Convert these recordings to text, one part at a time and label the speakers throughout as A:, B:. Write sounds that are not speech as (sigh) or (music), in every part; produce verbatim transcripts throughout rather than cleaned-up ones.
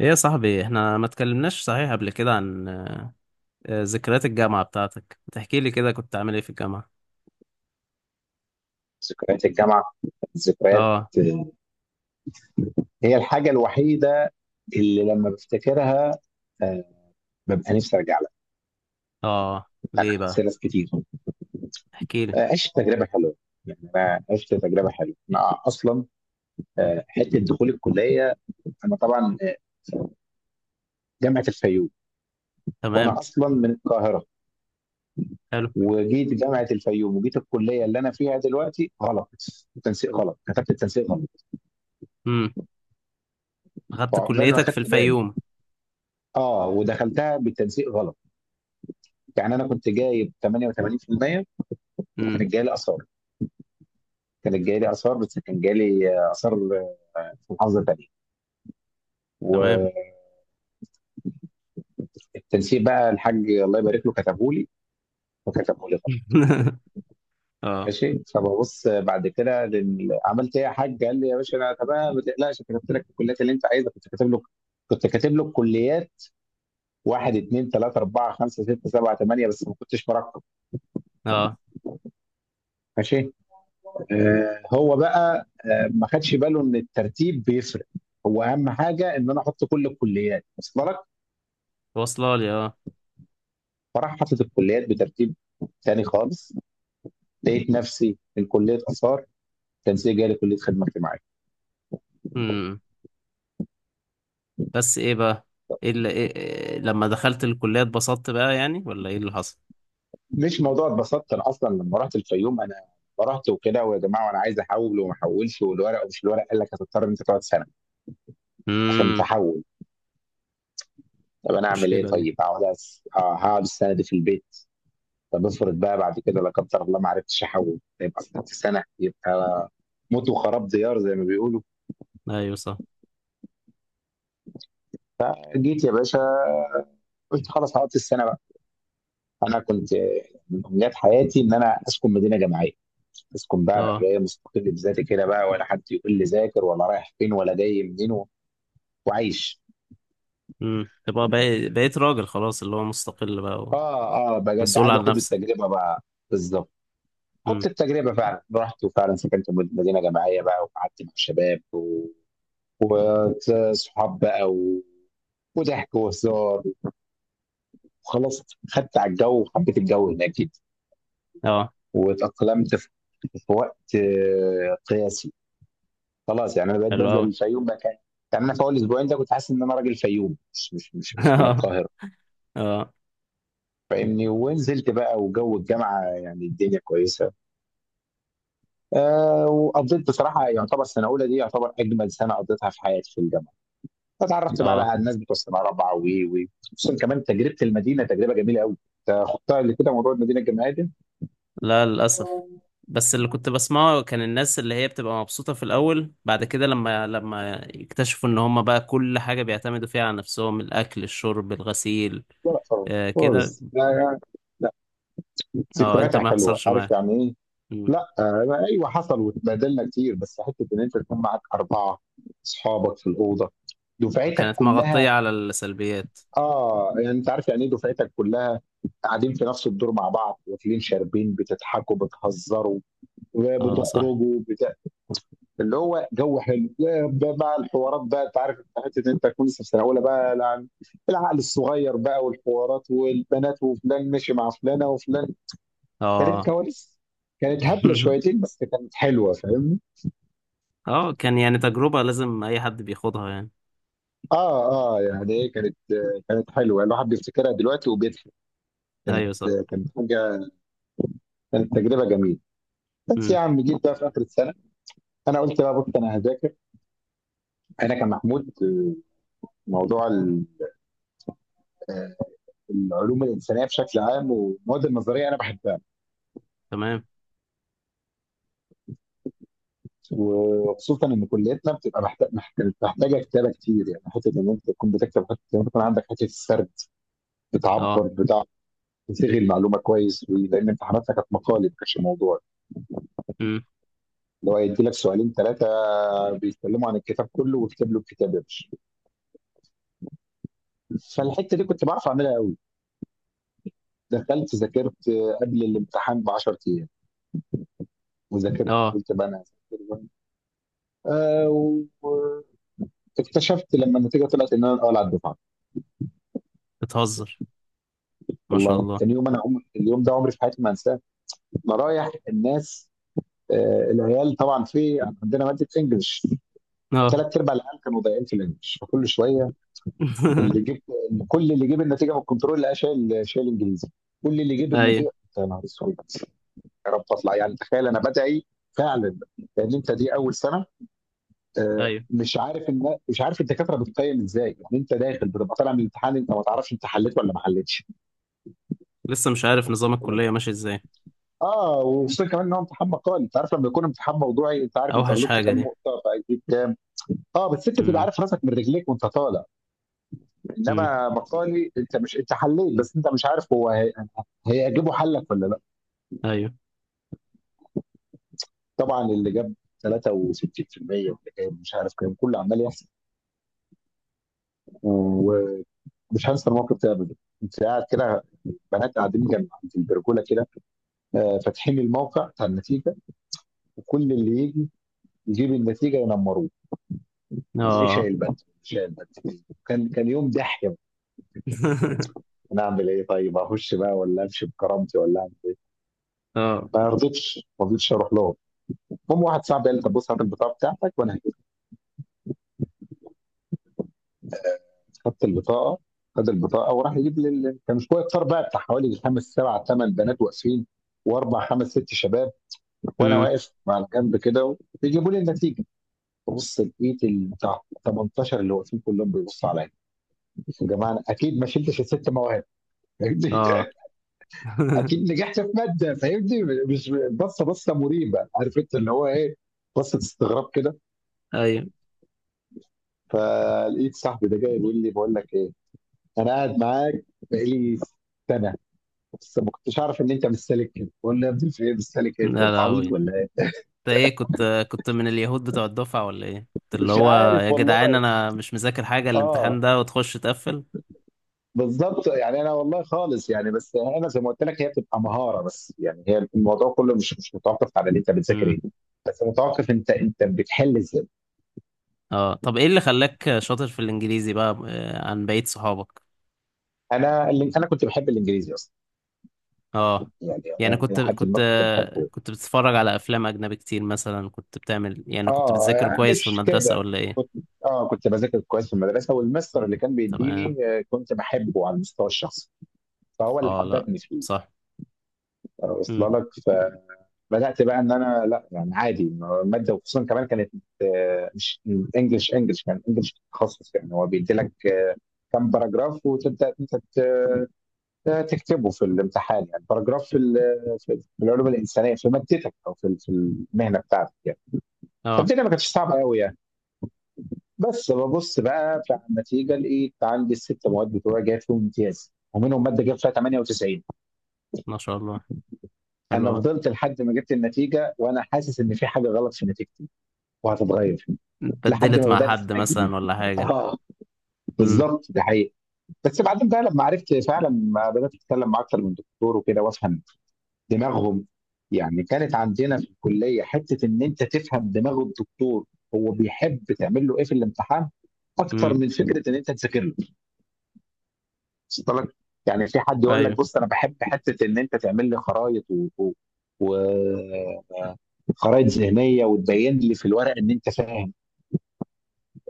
A: ايه يا صاحبي، احنا ما اتكلمناش صحيح قبل كده عن آه، آه، ذكريات الجامعة بتاعتك. تحكي لي كده كنت عامل ايه في الجامعة؟
B: ذكريات الجامعة كانت ذكريات.
A: اه.
B: هي الحاجة الوحيدة اللي لما بفتكرها، آه، ببقى نفسي ارجع لها.
A: اه.
B: انا
A: ليه
B: عكس
A: بقى؟
B: ناس كتير.
A: احكي لي.
B: آه، عشت تجربة حلوة. يعني انا عشت تجربه حلوه. انا اصلا آه، حته دخول الكليه، انا طبعا آه، جامعه الفيوم.
A: تمام.
B: وانا اصلا من القاهره،
A: حلو.
B: وجيت جامعه الفيوم، وجيت الكليه اللي انا فيها دلوقتي غلط. التنسيق غلط، كتبت التنسيق غلط.
A: امم. اخدت
B: فعقبال ما
A: كليتك في
B: خدت بالي،
A: الفيوم؟
B: اه، ودخلتها بتنسيق غلط. يعني انا كنت جايب تمانية وتمانين بالمية.
A: امم.
B: كانت جايه لي اثار، كانت جايه لي اثار، بس كان جالي اثار في محافظه تانيه،
A: تمام.
B: والتنسيق بقى الحاج الله يبارك له كتبه لي، وكتبه لي غلط.
A: (laughs) اه.
B: ماشي، فببص بعد كده لل- عملت ايه يا حاج؟ قال لي: يا باشا انا تمام، ما تقلقش، كتبت لك الكليات اللي انت عايزها. كنت كاتب له، كنت كاتب له الكليات: واحد اثنين ثلاثة أربعة خمسة ستة سبعة ثمانية، بس ما كنتش مرقم.
A: اه.
B: ماشي. آه، هو بقى آه ما خدش باله إن الترتيب بيفرق. هو أهم حاجة إن أنا أحط كل الكليات، وصل لك؟
A: واصله لي. اه.
B: فراح حاطط الكليات بترتيب تاني خالص. لقيت نفسي من كليه اثار، تنسيق جالي كليه خدمه اجتماعيه.
A: امم. بس ايه بقى؟ ايه اللي إيه إيه لما دخلت الكلية اتبسطت بقى يعني، ولا ايه اللي حصل؟
B: مش موضوع اتبسطت، انا اصلا لما رحت الفيوم انا رحت وكده، ويا جماعه، وانا عايز احول وما احولش، والورق ومش الورق، قال لك هتضطر ان انت تقعد سنه عشان
A: امم.
B: تحول. طب انا اعمل ايه؟
A: المشكلة دي.
B: طيب هقعد أس... آه، هقعد السنه دي في البيت. طب افرض بقى بعد كده لا قدر الله ما عرفتش احول، يبقى قعدت سنه، يبقى موت وخراب ديار زي ما بيقولوا.
A: ايوه صح.
B: جيت يا باشا، قلت خلاص هقضي السنه. انا كنت من امنيات حياتي ان انا اسكن مدينه جامعيه، اسكن بقى، ابقى
A: اه.
B: جاي مستقل بذاتي كده بقى، ولا حد يقول لي ذاكر، ولا رايح فين، ولا جاي منين، و- وعايش.
A: امم. تبقى بقيت بقيت راجل خلاص، اللي هو مستقل بقى.
B: اه اه، بجد
A: مسؤول
B: عايز
A: عن
B: اخد
A: نفسك.
B: التجربه بقى. بالظبط. خدت
A: امم.
B: التجربه فعلا، رحت وفعلا سكنت في مدينه جامعيه بقى، وقعدت مع شباب و- وصحاب بقى و... وضحك وهزار وخلاص. خدت على الجو وحبيت الجو هناك جدا،
A: اه.
B: واتأقلمت في في وقت آه، قياسي. خلاص يعني انا بقيت
A: حلو
B: بنزل
A: قوي.
B: الفيوم مكان. يعني انا في اول اسبوعين ده كنت حاسس ان انا راجل فيوم، مش مش
A: (laughs)
B: مش مش من
A: اه.
B: القاهره.
A: اه.
B: فاهمني؟ ونزلت بقى وجو الجامعه، يعني الدنيا كويسه. آه، وقضيت بصراحه يعتبر سنه اولى دي يعتبر اجمل سنه قضيتها في حياتي في الجامعه. فتعرفت بقى
A: اه.
B: على الناس بتوع سنه رابعه و و- خصوصا كمان تجربه المدينه، تجربه جميله قوي. انت خدتها اللي كده موضوع المدينه الجامعيه دي؟
A: لا، للاسف. بس اللي كنت بسمعه، كان الناس اللي هي بتبقى مبسوطة في الاول، بعد كده لما لما يكتشفوا ان هم بقى كل حاجة بيعتمدوا فيها على نفسهم، الاكل الشرب الغسيل.
B: لا خالص
A: آه كده.
B: خالص، لا لا. لا.
A: اه، انت
B: ذكرياتها
A: ما
B: حلوه،
A: حصلش
B: عارف
A: معاك؟
B: يعني إيه؟
A: مم.
B: لا آه، ايوه حصل واتبادلنا كتير، بس حته ان انت تكون معاك اربعه اصحابك في الاوضه، دفعتك
A: كانت
B: كلها.
A: مغطية على السلبيات.
B: اه، يعني انت عارف يعني ايه دفعتك كلها قاعدين في نفس الدور مع بعض، واكلين شاربين، بتضحكوا بتهزروا،
A: اه صح.
B: بتخرجوا بتا... اللي هو جو حلو. ده بقى الحوارات بقى، انت عارف انت حته ان انت تكون لسه في سنه اولى بقى، الع- العقل الصغير بقى، والحوارات والبنات، وفلان مشي مع فلانه وفلان. كانت
A: اه.
B: كواليس، كانت هبله
A: (laughs)
B: شويتين، بس كانت حلوه، فاهم؟
A: اه، كان يعني تجربة لازم اي حد بيخوضها يعني.
B: اه اه. يعني إيه، كانت كانت حلوه، الواحد بيفتكرها دلوقتي وبيضحك. كانت
A: ايوه صح.
B: كانت حاجه، كانت تجربه جميله. بس يا
A: امم.
B: عم، جيت بقى في اخر السنه انا قلت بقى بص انا هذاكر. انا كمحمود آه، موضوع ال- آه، العلوم الانسانيه بشكل عام والمواد النظريه انا بحبها،
A: تمام.
B: وخصوصا ان كليتنا بتبقى محت- محت- محتاجه كتابه كتير، يعني حته ان انت تكون بتكتب، حته ان انت يكون عندك حته السرد،
A: اه.
B: بتعبر بتاع، تصيغ المعلومه كويس، لان امتحاناتنا كانت مقالب، ما كانش موضوع
A: امم.
B: اللي هو يدي لك سؤالين ثلاثه بيتكلموا عن الكتاب كله، وكتب له الكتاب يا باشا. فالحته دي كنت بعرف اعملها قوي. دخلت ذاكرت قبل الامتحان ب عشرة ايام وذاكرت.
A: اه.
B: قلت بقى انا هذاكر بقى. آه، واكتشفت لما النتيجه طلعت ان انا الاول على الدفعه.
A: بتهزر؟ ما شاء
B: والله
A: الله.
B: كان يوم، انا عمري، اليوم ده عمري في حياتي ما انساه. انا رايح الناس، آه، العيال طبعا في عندنا ماده انجلش.
A: اه.
B: ثلاث ارباع العيال كانوا ضايعين في الانجلش، فكل شويه اللي
A: (laughs)
B: جيب، كل اللي جيب النتيجه من الكنترول لقى شايل، شايل انجليزي. كل اللي جيب
A: ايوه.
B: النتيجه، يا نهار اسود. يا رب اطلع، يعني تخيل انا بدعي فعلا، لان انت دي اول سنه، آه،
A: ايوه.
B: مش عارف ان، مش عارف الدكاتره بتقيم ازاي. يعني انت داخل بتبقى طالع من الامتحان انت ما تعرفش انت حليت ولا ما حليتش.
A: لسه مش عارف نظام الكلية ماشي ازاي.
B: اه، وخصوصا كمان ان هو امتحان مقالي. انت عارف لما يكون امتحان موضوعي انت عارف انت
A: اوحش
B: غلطت
A: حاجة
B: كام
A: دي.
B: نقطه فهتجيب كام. اه، بس انت تبقى
A: امم.
B: عارف راسك من رجليك وانت طالع.
A: امم.
B: انما مقالي انت مش، انت حليت بس انت مش عارف هو هي- هيعجبه حلك ولا لا.
A: ايوه.
B: طبعا اللي جاب ثلاثة وستين في المية، واللي جايب مش عارف كام، كله عمال يحصل. ومش هنسى الموقف ده ابدا. كنت قاعد كده، بنات قاعدين جنب عند البرجوله كده، آه، فاتحين الموقع بتاع النتيجه، وكل اللي يجي يجيب النتيجه ينمروه. اللي
A: اه.
B: شايل بدل، شايل بدل. كان كان يوم ضحك.
A: (laughs)
B: انا اعمل ايه؟ طيب اخش بقى، ولا امشي بكرامتي، ولا أعمل
A: اه.
B: إيه؟ ما رضيتش ما رضيتش اروح لهم. المهم واحد صاحبي قال لي: طب بص هات البطاقه بتاعتك وانا هجيب. خدت البطاقه، خد البطاقه وراح يجيب لي ال- كان شويه كتار بقى بتاع حوالي خمس سبع ثمان بنات واقفين، واربع خمس ست شباب، وانا
A: امم.
B: واقف على جنب كده، بيجيبوا لي النتيجه. ببص لقيت البتاع تمنتاشر اللي واقفين كلهم بيبصوا عليا. يا جماعه، أنا اكيد ما شلتش الست مواهب، فاهمني؟
A: اه.
B: (laughs)
A: (laughs)
B: اكيد نجحت في ماده، فاهمني؟ مش بصه، بصه مريبه، عارف انت اللي هو ايه، بصه استغراب كده.
A: ايوه.
B: فلقيت صاحبي ده جاي بيقول لي: بقول لك ايه، انا قاعد معاك بقالي سنه بس ما كنتش اعرف ان انت مش سالك كده. بقول له: يا ابني في ايه؟ مش سالك ايه؟
A: لا
B: انت
A: لا، هو
B: عبيط
A: انت،
B: ولا ايه؟
A: ايه كنت، كنت من اليهود بتوع الدفعة ولا ايه؟ كنت اللي
B: مش
A: هو،
B: عارف
A: يا جدعان
B: والله.
A: انا مش مذاكر حاجة
B: اه
A: الامتحان ده وتخش تقفل.
B: بالضبط، يعني أنا والله خالص. يعني بس أنا زي ما قُلت لك هي بتبقى مهارة بس، يعني هي الموضوع كلّه مش مش متوقّف على إن أنت بتذاكر
A: امم.
B: إيه، بس متوقّف أنت، أنت بتحِل إزاي.
A: اه، طب ايه اللي خلاك شاطر في الانجليزي بقى آه، عن بقية صحابك؟
B: أنا ال أنا كنت باحب الإنجليزي أصلًا،
A: اه،
B: يعني
A: يعني
B: أنا
A: كنت
B: إلى حدٍ ما
A: كنت
B: كنت باحبه.
A: كنت بتتفرج على افلام اجنبي كتير مثلا، كنت بتعمل يعني كنت
B: آه،
A: بتذاكر
B: يعني
A: كويس في
B: مش
A: المدرسة
B: كده،
A: ولا
B: كنت
A: ايه؟
B: آه، كنت باذاكر كويس في المدرسة، والMaster اللي كان
A: تمام.
B: بيدّيني، آه، كنت باحبه على المستوى الشخصي، فهو اللي
A: اه. لا،
B: حبّبني فيه،
A: صح. امم.
B: واصلة لك؟ ف بدات بقى ان انا لا، يعني عادي ماده، وخصوصا كمان كانت آه، مش انجلش انجلش، كان انجلش تخصص. يعني هو بيدي لك آه، كم باراجراف وتبدا انت ت- آه، تكتبه في الامتحان، يعني باراجراف في ال- في في العلوم الانسانيه في مادتك او في في المهنه بتاعتك يعني.
A: اه.
B: فالدنيا ما كانتش صعبه قوي يعني. بس ببص بقى بتاع النتيجه لقيت عندي الست مواد بتوعي جايب فيهم امتياز، ومنهم ماده جايب فيها تمانية وتسعين.
A: ما شاء الله. حلو
B: انا
A: أوي.
B: فضلت لحد ما جبت النتيجه وانا حاسس ان في حاجه غلط في نتيجتي وهتتغير، لحد
A: اتبدلت
B: ما
A: مع
B: بدأنا
A: حد
B: السنة
A: مثلا
B: الجديدة.
A: ولا حاجة؟
B: اه،
A: امم.
B: بالظبط ده حقيقي. بس بعدين بقى لما عرفت فعلا، ما بدأت أتكلم مع أكتر من دكتور وكده، وأفهم دماغهم. يعني كانت عندنا في الكلية حتة إن أنت تفهم دماغ الدكتور، هو بيحب تعمل له إيه في الامتحان أكتر
A: امم.
B: من فكرة إن أنت تذاكر له. وصلت لك؟ يعني في حد يقول لك:
A: ايوه.
B: بص أنا بحب حتة إن أنت تعمل لي خرايط و... و... وخرائط ذهنيه، وتبين لي في الورق ان انت فاهم.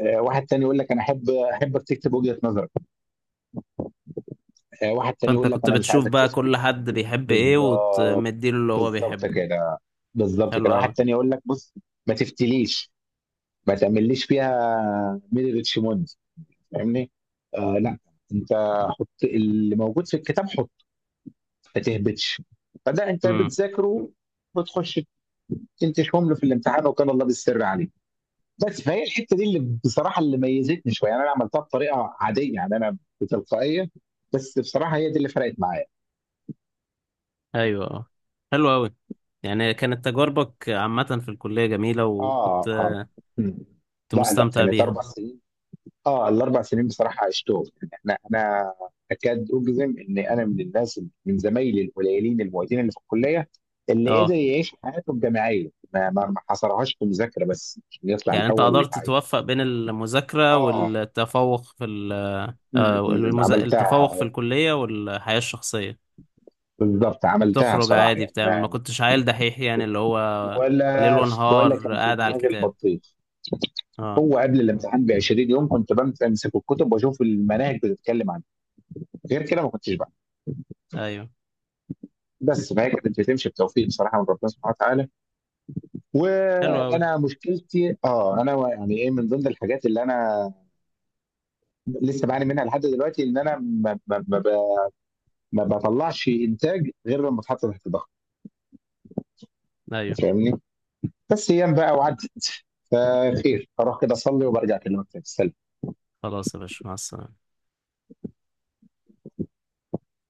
B: آه، واحد تاني يقول لك: انا احب، احبك تكتب وجهه نظر. آه، واحد تاني
A: فانت
B: يقول لك:
A: كنت
B: انا مش
A: بتشوف
B: عايزك
A: بقى
B: تفتي.
A: كل حد بيحب ايه
B: بالظبط.
A: وتمديله اللي هو
B: بالظبط
A: بيحبه.
B: كده، بالظبط
A: حلو
B: كده. واحد
A: قوي.
B: تاني يقول لك: بص ما تفتليش، ما تعمليش فيها ميري ريتشموند، فاهمني؟ آه لا، انت حط اللي موجود في الكتاب، حط، ما تهبطش. فده انت
A: امم.
B: بتذاكره، بتخش تنتشهم له في الامتحان، وكان الله بالسر عليه. بس فهي الحته دي اللي بصراحه اللي ميزتني شويه. يعني انا عملتها بطريقه عاديه، يعني انا بتلقائيه، بس بصراحه هي دي اللي فرقت معايا.
A: ايوه. اه. حلو قوي. يعني كانت تجاربك عامة في الكلية جميلة،
B: اه
A: وكنت،
B: اه. مم.
A: كنت
B: لا لا،
A: مستمتع
B: كانت
A: بيها.
B: اربع سنين. اه، الاربع سنين بصراحه عشتهم. يعني انا انا اكاد اجزم ان انا من الناس، من زمايلي القليلين المعيدين اللي في الكليه اللي قدر
A: اه،
B: يعيش حياته الجامعيه، ما ما ما حصرهاش في مذاكره بس عشان يطلع
A: يعني انت
B: الاول
A: قدرت
B: ويتعين.
A: توفق بين المذاكرة
B: اه.
A: والتفوق في ال-
B: مم،
A: آه،
B: مم،
A: المذا-
B: عملتها
A: التفوق في
B: آه،
A: الكلية والحياة الشخصية.
B: بالظبط. عملتها
A: بتخرج
B: بصراحه
A: عادي
B: يعني
A: بتعمل، ما
B: أنا،
A: كنتش عيل دحيح يعني اللي هو ليل
B: ولا ولا
A: ونهار
B: كان في
A: قاعد على
B: دماغي
A: الكتاب.
B: البطيخ.
A: اه.
B: هو قبل الامتحان ب عشرين يوم كنت بمسك الكتب واشوف المناهج بتتكلم عنها، غير كده ما كنتش.
A: ايوه.
B: بس فهي كانت بتمشي بتوفيق بصراحه من ربنا سبحانه وتعالى.
A: حلو اوي.
B: وانا مشكلتي اه، انا يعني ايه، من ضمن الحاجات اللي انا لسه بعاني منها لحد دلوقتي ان انا ما, ما, ما, ب- ما بطلعش انتاج غير لما اتحط تحت ضغط،
A: ايوه.
B: فاهمني؟ بس ايام بقى وعدت. فخير اروح كده اصلي وبرجع اكلمك تاني.
A: خلاص يا باشا، مع السلامة.